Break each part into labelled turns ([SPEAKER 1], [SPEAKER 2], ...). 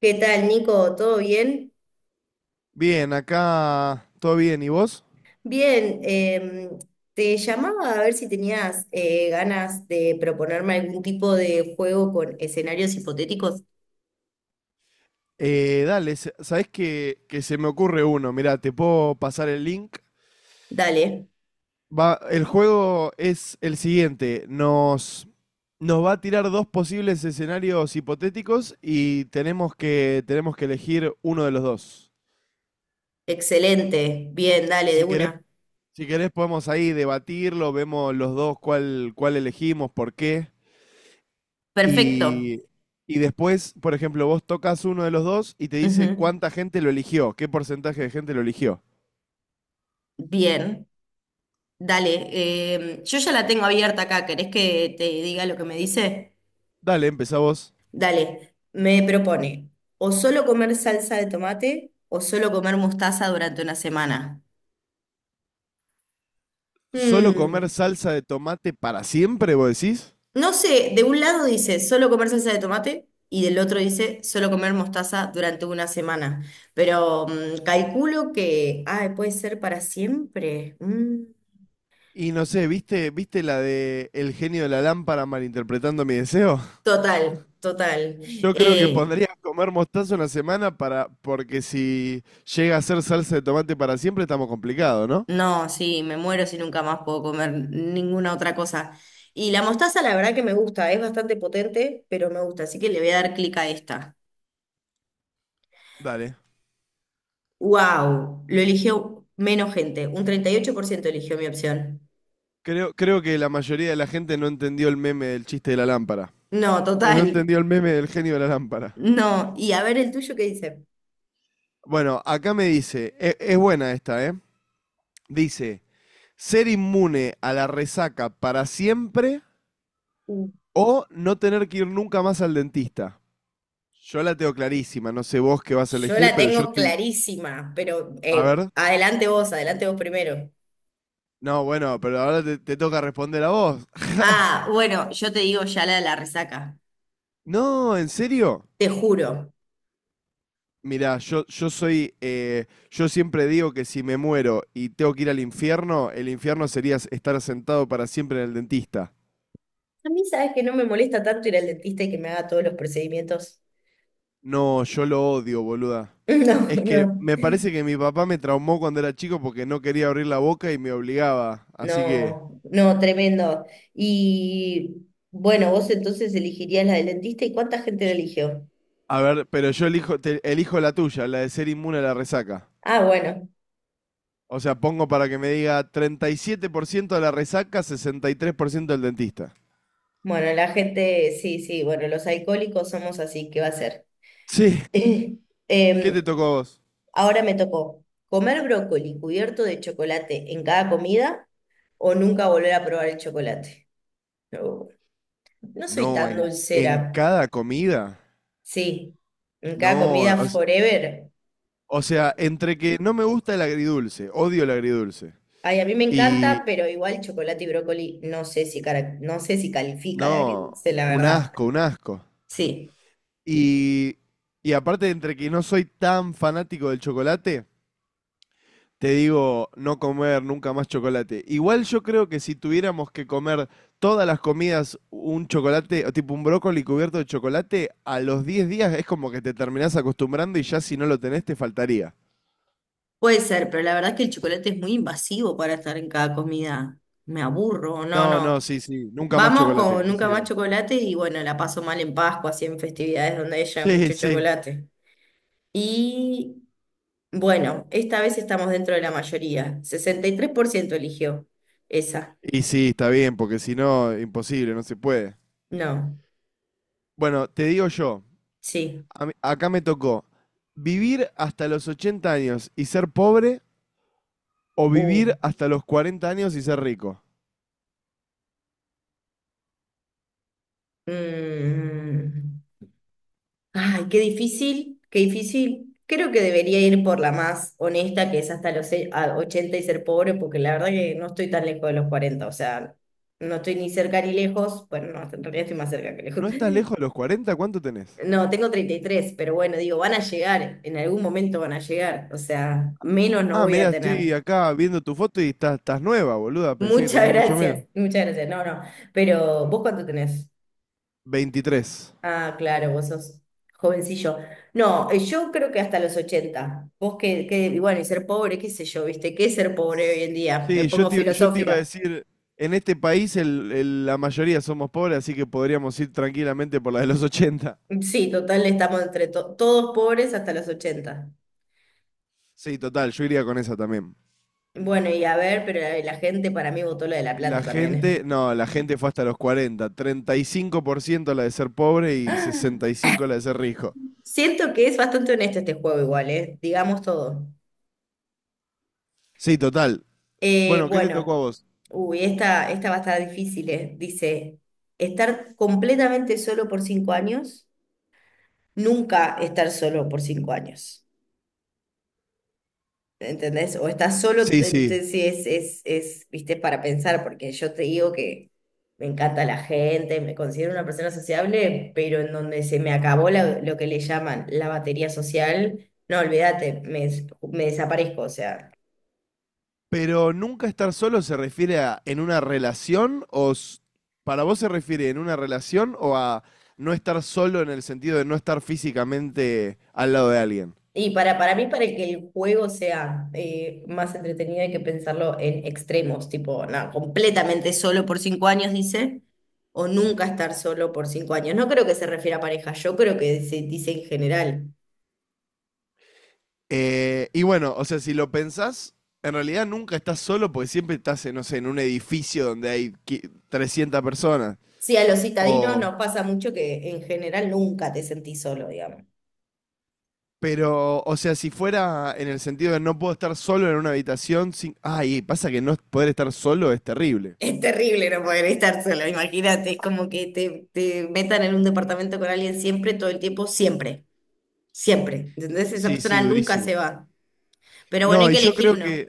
[SPEAKER 1] ¿Qué tal, Nico? ¿Todo bien?
[SPEAKER 2] Bien, acá todo bien. ¿Y vos?
[SPEAKER 1] Bien, te llamaba a ver si tenías ganas de proponerme algún tipo de juego con escenarios hipotéticos.
[SPEAKER 2] Dale, ¿sabés que se me ocurre uno? Mirá, te puedo pasar el link.
[SPEAKER 1] Dale,
[SPEAKER 2] Va, el juego es el siguiente. Nos va a tirar dos posibles escenarios hipotéticos y tenemos que elegir uno de los dos.
[SPEAKER 1] excelente, bien, dale, de
[SPEAKER 2] Si querés,
[SPEAKER 1] una.
[SPEAKER 2] si querés podemos ahí debatirlo, vemos los dos cuál elegimos, por qué.
[SPEAKER 1] Perfecto.
[SPEAKER 2] Y, y después, por ejemplo, vos tocas uno de los dos y te dice
[SPEAKER 1] Ujú.
[SPEAKER 2] cuánta gente lo eligió, qué porcentaje de gente lo eligió.
[SPEAKER 1] Bien, dale. Yo ya la tengo abierta acá, ¿querés que te diga lo que me dice?
[SPEAKER 2] Dale, empezá vos.
[SPEAKER 1] Dale, me propone o solo comer salsa de tomate o solo comer mostaza durante una semana.
[SPEAKER 2] ¿Solo
[SPEAKER 1] Mm.
[SPEAKER 2] comer salsa de tomate para siempre, vos decís?
[SPEAKER 1] No sé, de un lado dice solo comer salsa de tomate y del otro dice solo comer mostaza durante una semana. Pero calculo que, ay, puede ser para siempre. Mm,
[SPEAKER 2] Y no sé, ¿viste la de El Genio de la Lámpara malinterpretando mi deseo?
[SPEAKER 1] total, total.
[SPEAKER 2] Yo creo que
[SPEAKER 1] Eh,
[SPEAKER 2] pondría comer mostaza una semana, para, porque si llega a ser salsa de tomate para siempre estamos complicados, ¿no?
[SPEAKER 1] no, sí, me muero si nunca más puedo comer ninguna otra cosa. Y la mostaza, la verdad que me gusta, es bastante potente, pero me gusta, así que le voy a dar clic a esta.
[SPEAKER 2] Dale.
[SPEAKER 1] ¡Wow! Lo eligió menos gente, un 38% eligió mi opción.
[SPEAKER 2] Creo que la mayoría de la gente no entendió el meme del chiste de la lámpara.
[SPEAKER 1] No,
[SPEAKER 2] No
[SPEAKER 1] total.
[SPEAKER 2] entendió el meme del genio de la lámpara.
[SPEAKER 1] No, y a ver el tuyo qué dice.
[SPEAKER 2] Bueno, acá me dice, es buena esta, ¿eh? Dice, ser inmune a la resaca para siempre
[SPEAKER 1] Mm.
[SPEAKER 2] o no tener que ir nunca más al dentista. Yo la tengo clarísima, no sé vos qué vas a
[SPEAKER 1] Yo
[SPEAKER 2] elegir,
[SPEAKER 1] la
[SPEAKER 2] pero yo
[SPEAKER 1] tengo
[SPEAKER 2] estoy...
[SPEAKER 1] clarísima, pero
[SPEAKER 2] A ver.
[SPEAKER 1] adelante vos primero.
[SPEAKER 2] No, bueno, pero ahora te toca responder a vos.
[SPEAKER 1] Ah, bueno, yo te digo ya la de la resaca,
[SPEAKER 2] No, ¿en serio?
[SPEAKER 1] te juro.
[SPEAKER 2] Mirá, yo soy... yo siempre digo que si me muero y tengo que ir al infierno, el infierno sería estar sentado para siempre en el dentista.
[SPEAKER 1] A mí sabes que no me molesta tanto ir al dentista y que me haga todos los procedimientos.
[SPEAKER 2] No, yo lo odio, boluda.
[SPEAKER 1] No,
[SPEAKER 2] Es que
[SPEAKER 1] no,
[SPEAKER 2] me parece que mi papá me traumó cuando era chico porque no quería abrir la boca y me obligaba. Así que,
[SPEAKER 1] no, no, tremendo. Y bueno, vos entonces elegirías la del dentista y ¿cuánta gente la
[SPEAKER 2] yo-
[SPEAKER 1] eligió?
[SPEAKER 2] a ver, pero yo elijo, elijo la tuya, la de ser inmune a la resaca.
[SPEAKER 1] Ah, bueno,
[SPEAKER 2] O sea, pongo para que me diga 37% de la resaca, 63% del dentista.
[SPEAKER 1] bueno, la gente, sí, sí, bueno, los alcohólicos somos así, ¿qué va a ser?
[SPEAKER 2] Sí. ¿Qué te
[SPEAKER 1] Em,
[SPEAKER 2] tocó a vos?
[SPEAKER 1] Ahora me tocó comer brócoli cubierto de chocolate en cada comida o nunca volver a probar el chocolate. No, no soy
[SPEAKER 2] No,
[SPEAKER 1] tan
[SPEAKER 2] en
[SPEAKER 1] dulcera.
[SPEAKER 2] cada comida.
[SPEAKER 1] Sí, en cada
[SPEAKER 2] No,
[SPEAKER 1] comida forever.
[SPEAKER 2] o sea, entre que no me gusta el agridulce, odio el agridulce.
[SPEAKER 1] Ay, a mí me encanta,
[SPEAKER 2] Y
[SPEAKER 1] pero igual chocolate y brócoli no sé si, no sé si califica
[SPEAKER 2] No,
[SPEAKER 1] de agridulce, la
[SPEAKER 2] un
[SPEAKER 1] verdad.
[SPEAKER 2] asco, un asco.
[SPEAKER 1] Sí,
[SPEAKER 2] Y, y aparte, entre que no soy tan fanático del chocolate, te digo no comer nunca más chocolate. Igual yo creo que si tuviéramos que comer todas las comidas un chocolate, o tipo un brócoli cubierto de chocolate, a los 10 días es como que te terminás acostumbrando y ya si no lo tenés te faltaría.
[SPEAKER 1] puede ser, pero la verdad es que el chocolate es muy invasivo para estar en cada comida. Me aburro, no,
[SPEAKER 2] No, no,
[SPEAKER 1] no.
[SPEAKER 2] sí, sí, nunca más
[SPEAKER 1] Vamos
[SPEAKER 2] chocolate,
[SPEAKER 1] con Nunca Más
[SPEAKER 2] coincido.
[SPEAKER 1] Chocolate y bueno, la paso mal en Pascua, así en festividades donde haya
[SPEAKER 2] Sí,
[SPEAKER 1] mucho
[SPEAKER 2] sí.
[SPEAKER 1] chocolate. Y bueno, esta vez estamos dentro de la mayoría. 63% eligió esa.
[SPEAKER 2] Y sí, está bien, porque si no, imposible, no se puede.
[SPEAKER 1] No,
[SPEAKER 2] Bueno, te digo yo.
[SPEAKER 1] sí.
[SPEAKER 2] Acá me tocó vivir hasta los 80 años y ser pobre, o
[SPEAKER 1] Uh.
[SPEAKER 2] vivir hasta los 40 años y ser rico.
[SPEAKER 1] Mm. Ay, qué difícil, qué difícil. Creo que debería ir por la más honesta, que es hasta los a 80 y ser pobre, porque la verdad que no estoy tan lejos de los 40, o sea, no estoy ni cerca ni lejos. Bueno, no, en realidad estoy más cerca que lejos.
[SPEAKER 2] ¿No estás lejos de los 40? ¿Cuánto tenés?
[SPEAKER 1] No, tengo 33, pero bueno, digo, van a llegar, en algún momento van a llegar, o sea, menos no
[SPEAKER 2] Ah,
[SPEAKER 1] voy a
[SPEAKER 2] mira,
[SPEAKER 1] tener.
[SPEAKER 2] estoy acá viendo tu foto y estás nueva, boluda. Pensé que tenías mucho menos.
[SPEAKER 1] Muchas gracias, no, no, pero ¿vos cuánto tenés?
[SPEAKER 2] 23.
[SPEAKER 1] Ah, claro, vos sos jovencillo. No, yo creo que hasta los 80. Vos que, y bueno, y ser pobre, qué sé yo, ¿viste? ¿Qué es ser pobre hoy en día? Me
[SPEAKER 2] Sí,
[SPEAKER 1] pongo
[SPEAKER 2] yo te iba a
[SPEAKER 1] filosófica.
[SPEAKER 2] decir, en este país la mayoría somos pobres, así que podríamos ir tranquilamente por la de los 80.
[SPEAKER 1] Sí, total, estamos entre todos pobres hasta los 80.
[SPEAKER 2] Sí, total, yo iría con esa también.
[SPEAKER 1] Bueno, y a ver, pero la gente para mí votó la de La Plata
[SPEAKER 2] La
[SPEAKER 1] también,
[SPEAKER 2] gente, no, la gente fue hasta los 40, 35% la de ser pobre y
[SPEAKER 1] ¿eh?
[SPEAKER 2] 65% la de ser rico.
[SPEAKER 1] Siento que es bastante honesto este juego igual, ¿eh? Digamos todo.
[SPEAKER 2] Sí, total.
[SPEAKER 1] Eh,
[SPEAKER 2] Bueno, ¿qué te tocó
[SPEAKER 1] bueno,
[SPEAKER 2] a vos?
[SPEAKER 1] uy, esta va a estar difícil, ¿eh? Dice, estar completamente solo por 5 años, nunca estar solo por 5 años. ¿Entendés? O estás solo,
[SPEAKER 2] Sí, sí.
[SPEAKER 1] entonces sí, es, viste, para pensar, porque yo te digo que me encanta la gente, me considero una persona sociable, pero en donde se me acabó lo que le llaman la batería social, no, olvídate, me, me desaparezco, o sea.
[SPEAKER 2] Pero nunca estar solo se refiere a en una relación o para vos se refiere en una relación o a no estar solo en el sentido de no estar físicamente al lado de alguien.
[SPEAKER 1] Y para mí, para que el juego sea más entretenido, hay que pensarlo en extremos, tipo, nada, completamente solo por cinco años, dice, o nunca estar solo por 5 años. No creo que se refiera a pareja, yo creo que se dice en general.
[SPEAKER 2] Y bueno, o sea, si lo pensás, en realidad nunca estás solo porque siempre estás, no sé, en un edificio donde hay 300 personas.
[SPEAKER 1] Sí, a los citadinos
[SPEAKER 2] O,
[SPEAKER 1] nos pasa mucho que en general nunca te sentís solo, digamos.
[SPEAKER 2] Pero, o sea, si fuera en el sentido de no puedo estar solo en una habitación sin... Ay, pasa que no poder estar solo es terrible.
[SPEAKER 1] Es terrible no poder estar solo, imagínate, es como que te metan en un departamento con alguien siempre, todo el tiempo, siempre, siempre. ¿Entendés? Esa
[SPEAKER 2] Sí, sí,
[SPEAKER 1] persona nunca
[SPEAKER 2] durísimo.
[SPEAKER 1] se va. Pero bueno, hay
[SPEAKER 2] No,
[SPEAKER 1] que elegir uno.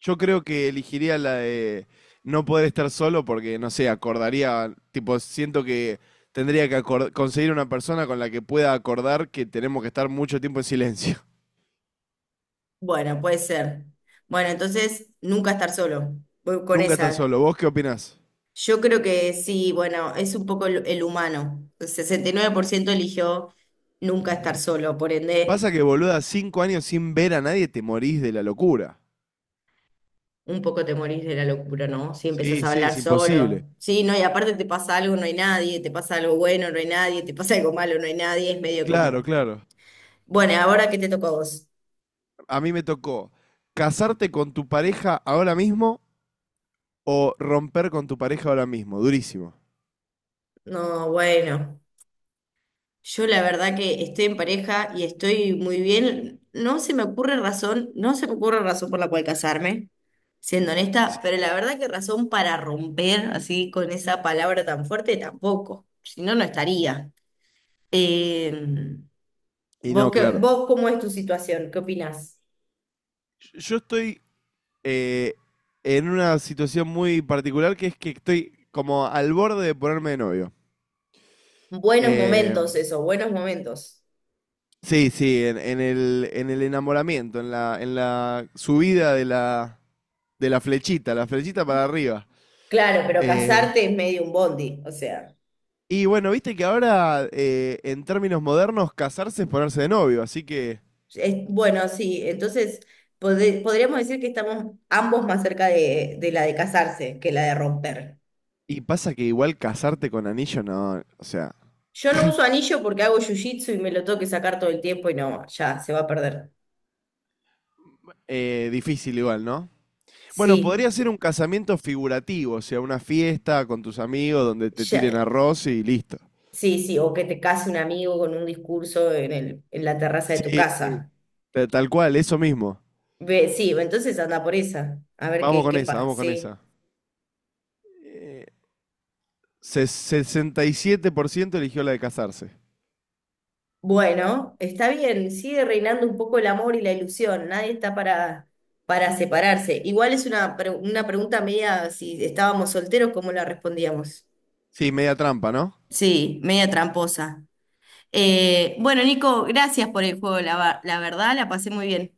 [SPEAKER 2] yo creo que elegiría la de no poder estar solo porque, no sé, acordaría, tipo, siento que tendría que conseguir una persona con la que pueda acordar que tenemos que estar mucho tiempo en silencio.
[SPEAKER 1] Bueno, puede ser. Bueno, entonces nunca estar solo. Voy con
[SPEAKER 2] Nunca estar
[SPEAKER 1] esa.
[SPEAKER 2] solo. ¿Vos qué opinás?
[SPEAKER 1] Yo creo que sí, bueno, es un poco el humano. El 69% eligió nunca estar solo, por ende,
[SPEAKER 2] Pasa que, boluda, 5 años sin ver a nadie te morís de la locura.
[SPEAKER 1] un poco te morís de la locura, ¿no? Si empezás
[SPEAKER 2] Sí,
[SPEAKER 1] a
[SPEAKER 2] sí,
[SPEAKER 1] hablar
[SPEAKER 2] es
[SPEAKER 1] solo.
[SPEAKER 2] imposible.
[SPEAKER 1] Sí, no, y aparte te pasa algo, no hay nadie, te pasa algo bueno, no hay nadie, te pasa algo malo, no hay nadie, es medio como.
[SPEAKER 2] Claro, claro.
[SPEAKER 1] Bueno, ahora qué te tocó a vos.
[SPEAKER 2] A mí me tocó casarte con tu pareja ahora mismo o romper con tu pareja ahora mismo. Durísimo.
[SPEAKER 1] No, bueno. Yo la verdad que estoy en pareja y estoy muy bien. No se me ocurre razón, no se me ocurre razón por la cual casarme, siendo honesta, pero la verdad que razón para romper así con esa palabra tan fuerte tampoco. Si no, no estaría. Eh,
[SPEAKER 2] Y
[SPEAKER 1] ¿vos
[SPEAKER 2] no,
[SPEAKER 1] qué-
[SPEAKER 2] claro.
[SPEAKER 1] vos cómo es tu situación? ¿Qué opinás?
[SPEAKER 2] Yo estoy eh, en una situación muy particular, que es que estoy como al borde de ponerme de novio.
[SPEAKER 1] Buenos
[SPEAKER 2] Eh,
[SPEAKER 1] momentos, eso, buenos momentos.
[SPEAKER 2] sí, sí, en el enamoramiento, en la subida de la flechita para arriba.
[SPEAKER 1] Claro, pero
[SPEAKER 2] Eh,
[SPEAKER 1] casarte es medio un bondi, o sea.
[SPEAKER 2] y bueno, viste que ahora, en términos modernos, casarse es ponerse de novio, así que...
[SPEAKER 1] Bueno, sí, entonces podríamos decir que estamos ambos más cerca de la de casarse que la de romper.
[SPEAKER 2] Y pasa que igual casarte con anillo, no, o sea,
[SPEAKER 1] Yo no uso anillo porque hago jiu-jitsu y me lo tengo que sacar todo el tiempo y no, ya se va a perder.
[SPEAKER 2] difícil igual, ¿no? Bueno,
[SPEAKER 1] Sí,
[SPEAKER 2] podría ser un casamiento figurativo, o sea, una fiesta con tus amigos donde te tiren
[SPEAKER 1] ya,
[SPEAKER 2] arroz y listo.
[SPEAKER 1] sí, sí, o que te case un amigo con un discurso en el, en la terraza de tu
[SPEAKER 2] Sí, sí.
[SPEAKER 1] casa.
[SPEAKER 2] Tal cual, eso mismo.
[SPEAKER 1] Ve, sí, entonces anda por esa, a ver
[SPEAKER 2] Vamos
[SPEAKER 1] qué,
[SPEAKER 2] con
[SPEAKER 1] qué
[SPEAKER 2] esa,
[SPEAKER 1] pasa.
[SPEAKER 2] vamos con esa. Eh, 67% eligió la de casarse.
[SPEAKER 1] Bueno, está bien, sigue reinando un poco el amor y la ilusión, nadie está para separarse. Igual es una, una pregunta media, si estábamos solteros, ¿cómo la respondíamos?
[SPEAKER 2] Sí, media trampa, ¿no?
[SPEAKER 1] Sí, media tramposa. Bueno, Nico, gracias por el juego, la, la verdad, la pasé muy bien.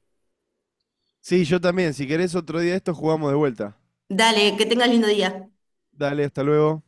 [SPEAKER 2] Sí, yo también. Si querés otro día de esto, jugamos de vuelta.
[SPEAKER 1] Dale, que tengas lindo día.
[SPEAKER 2] Dale, hasta luego.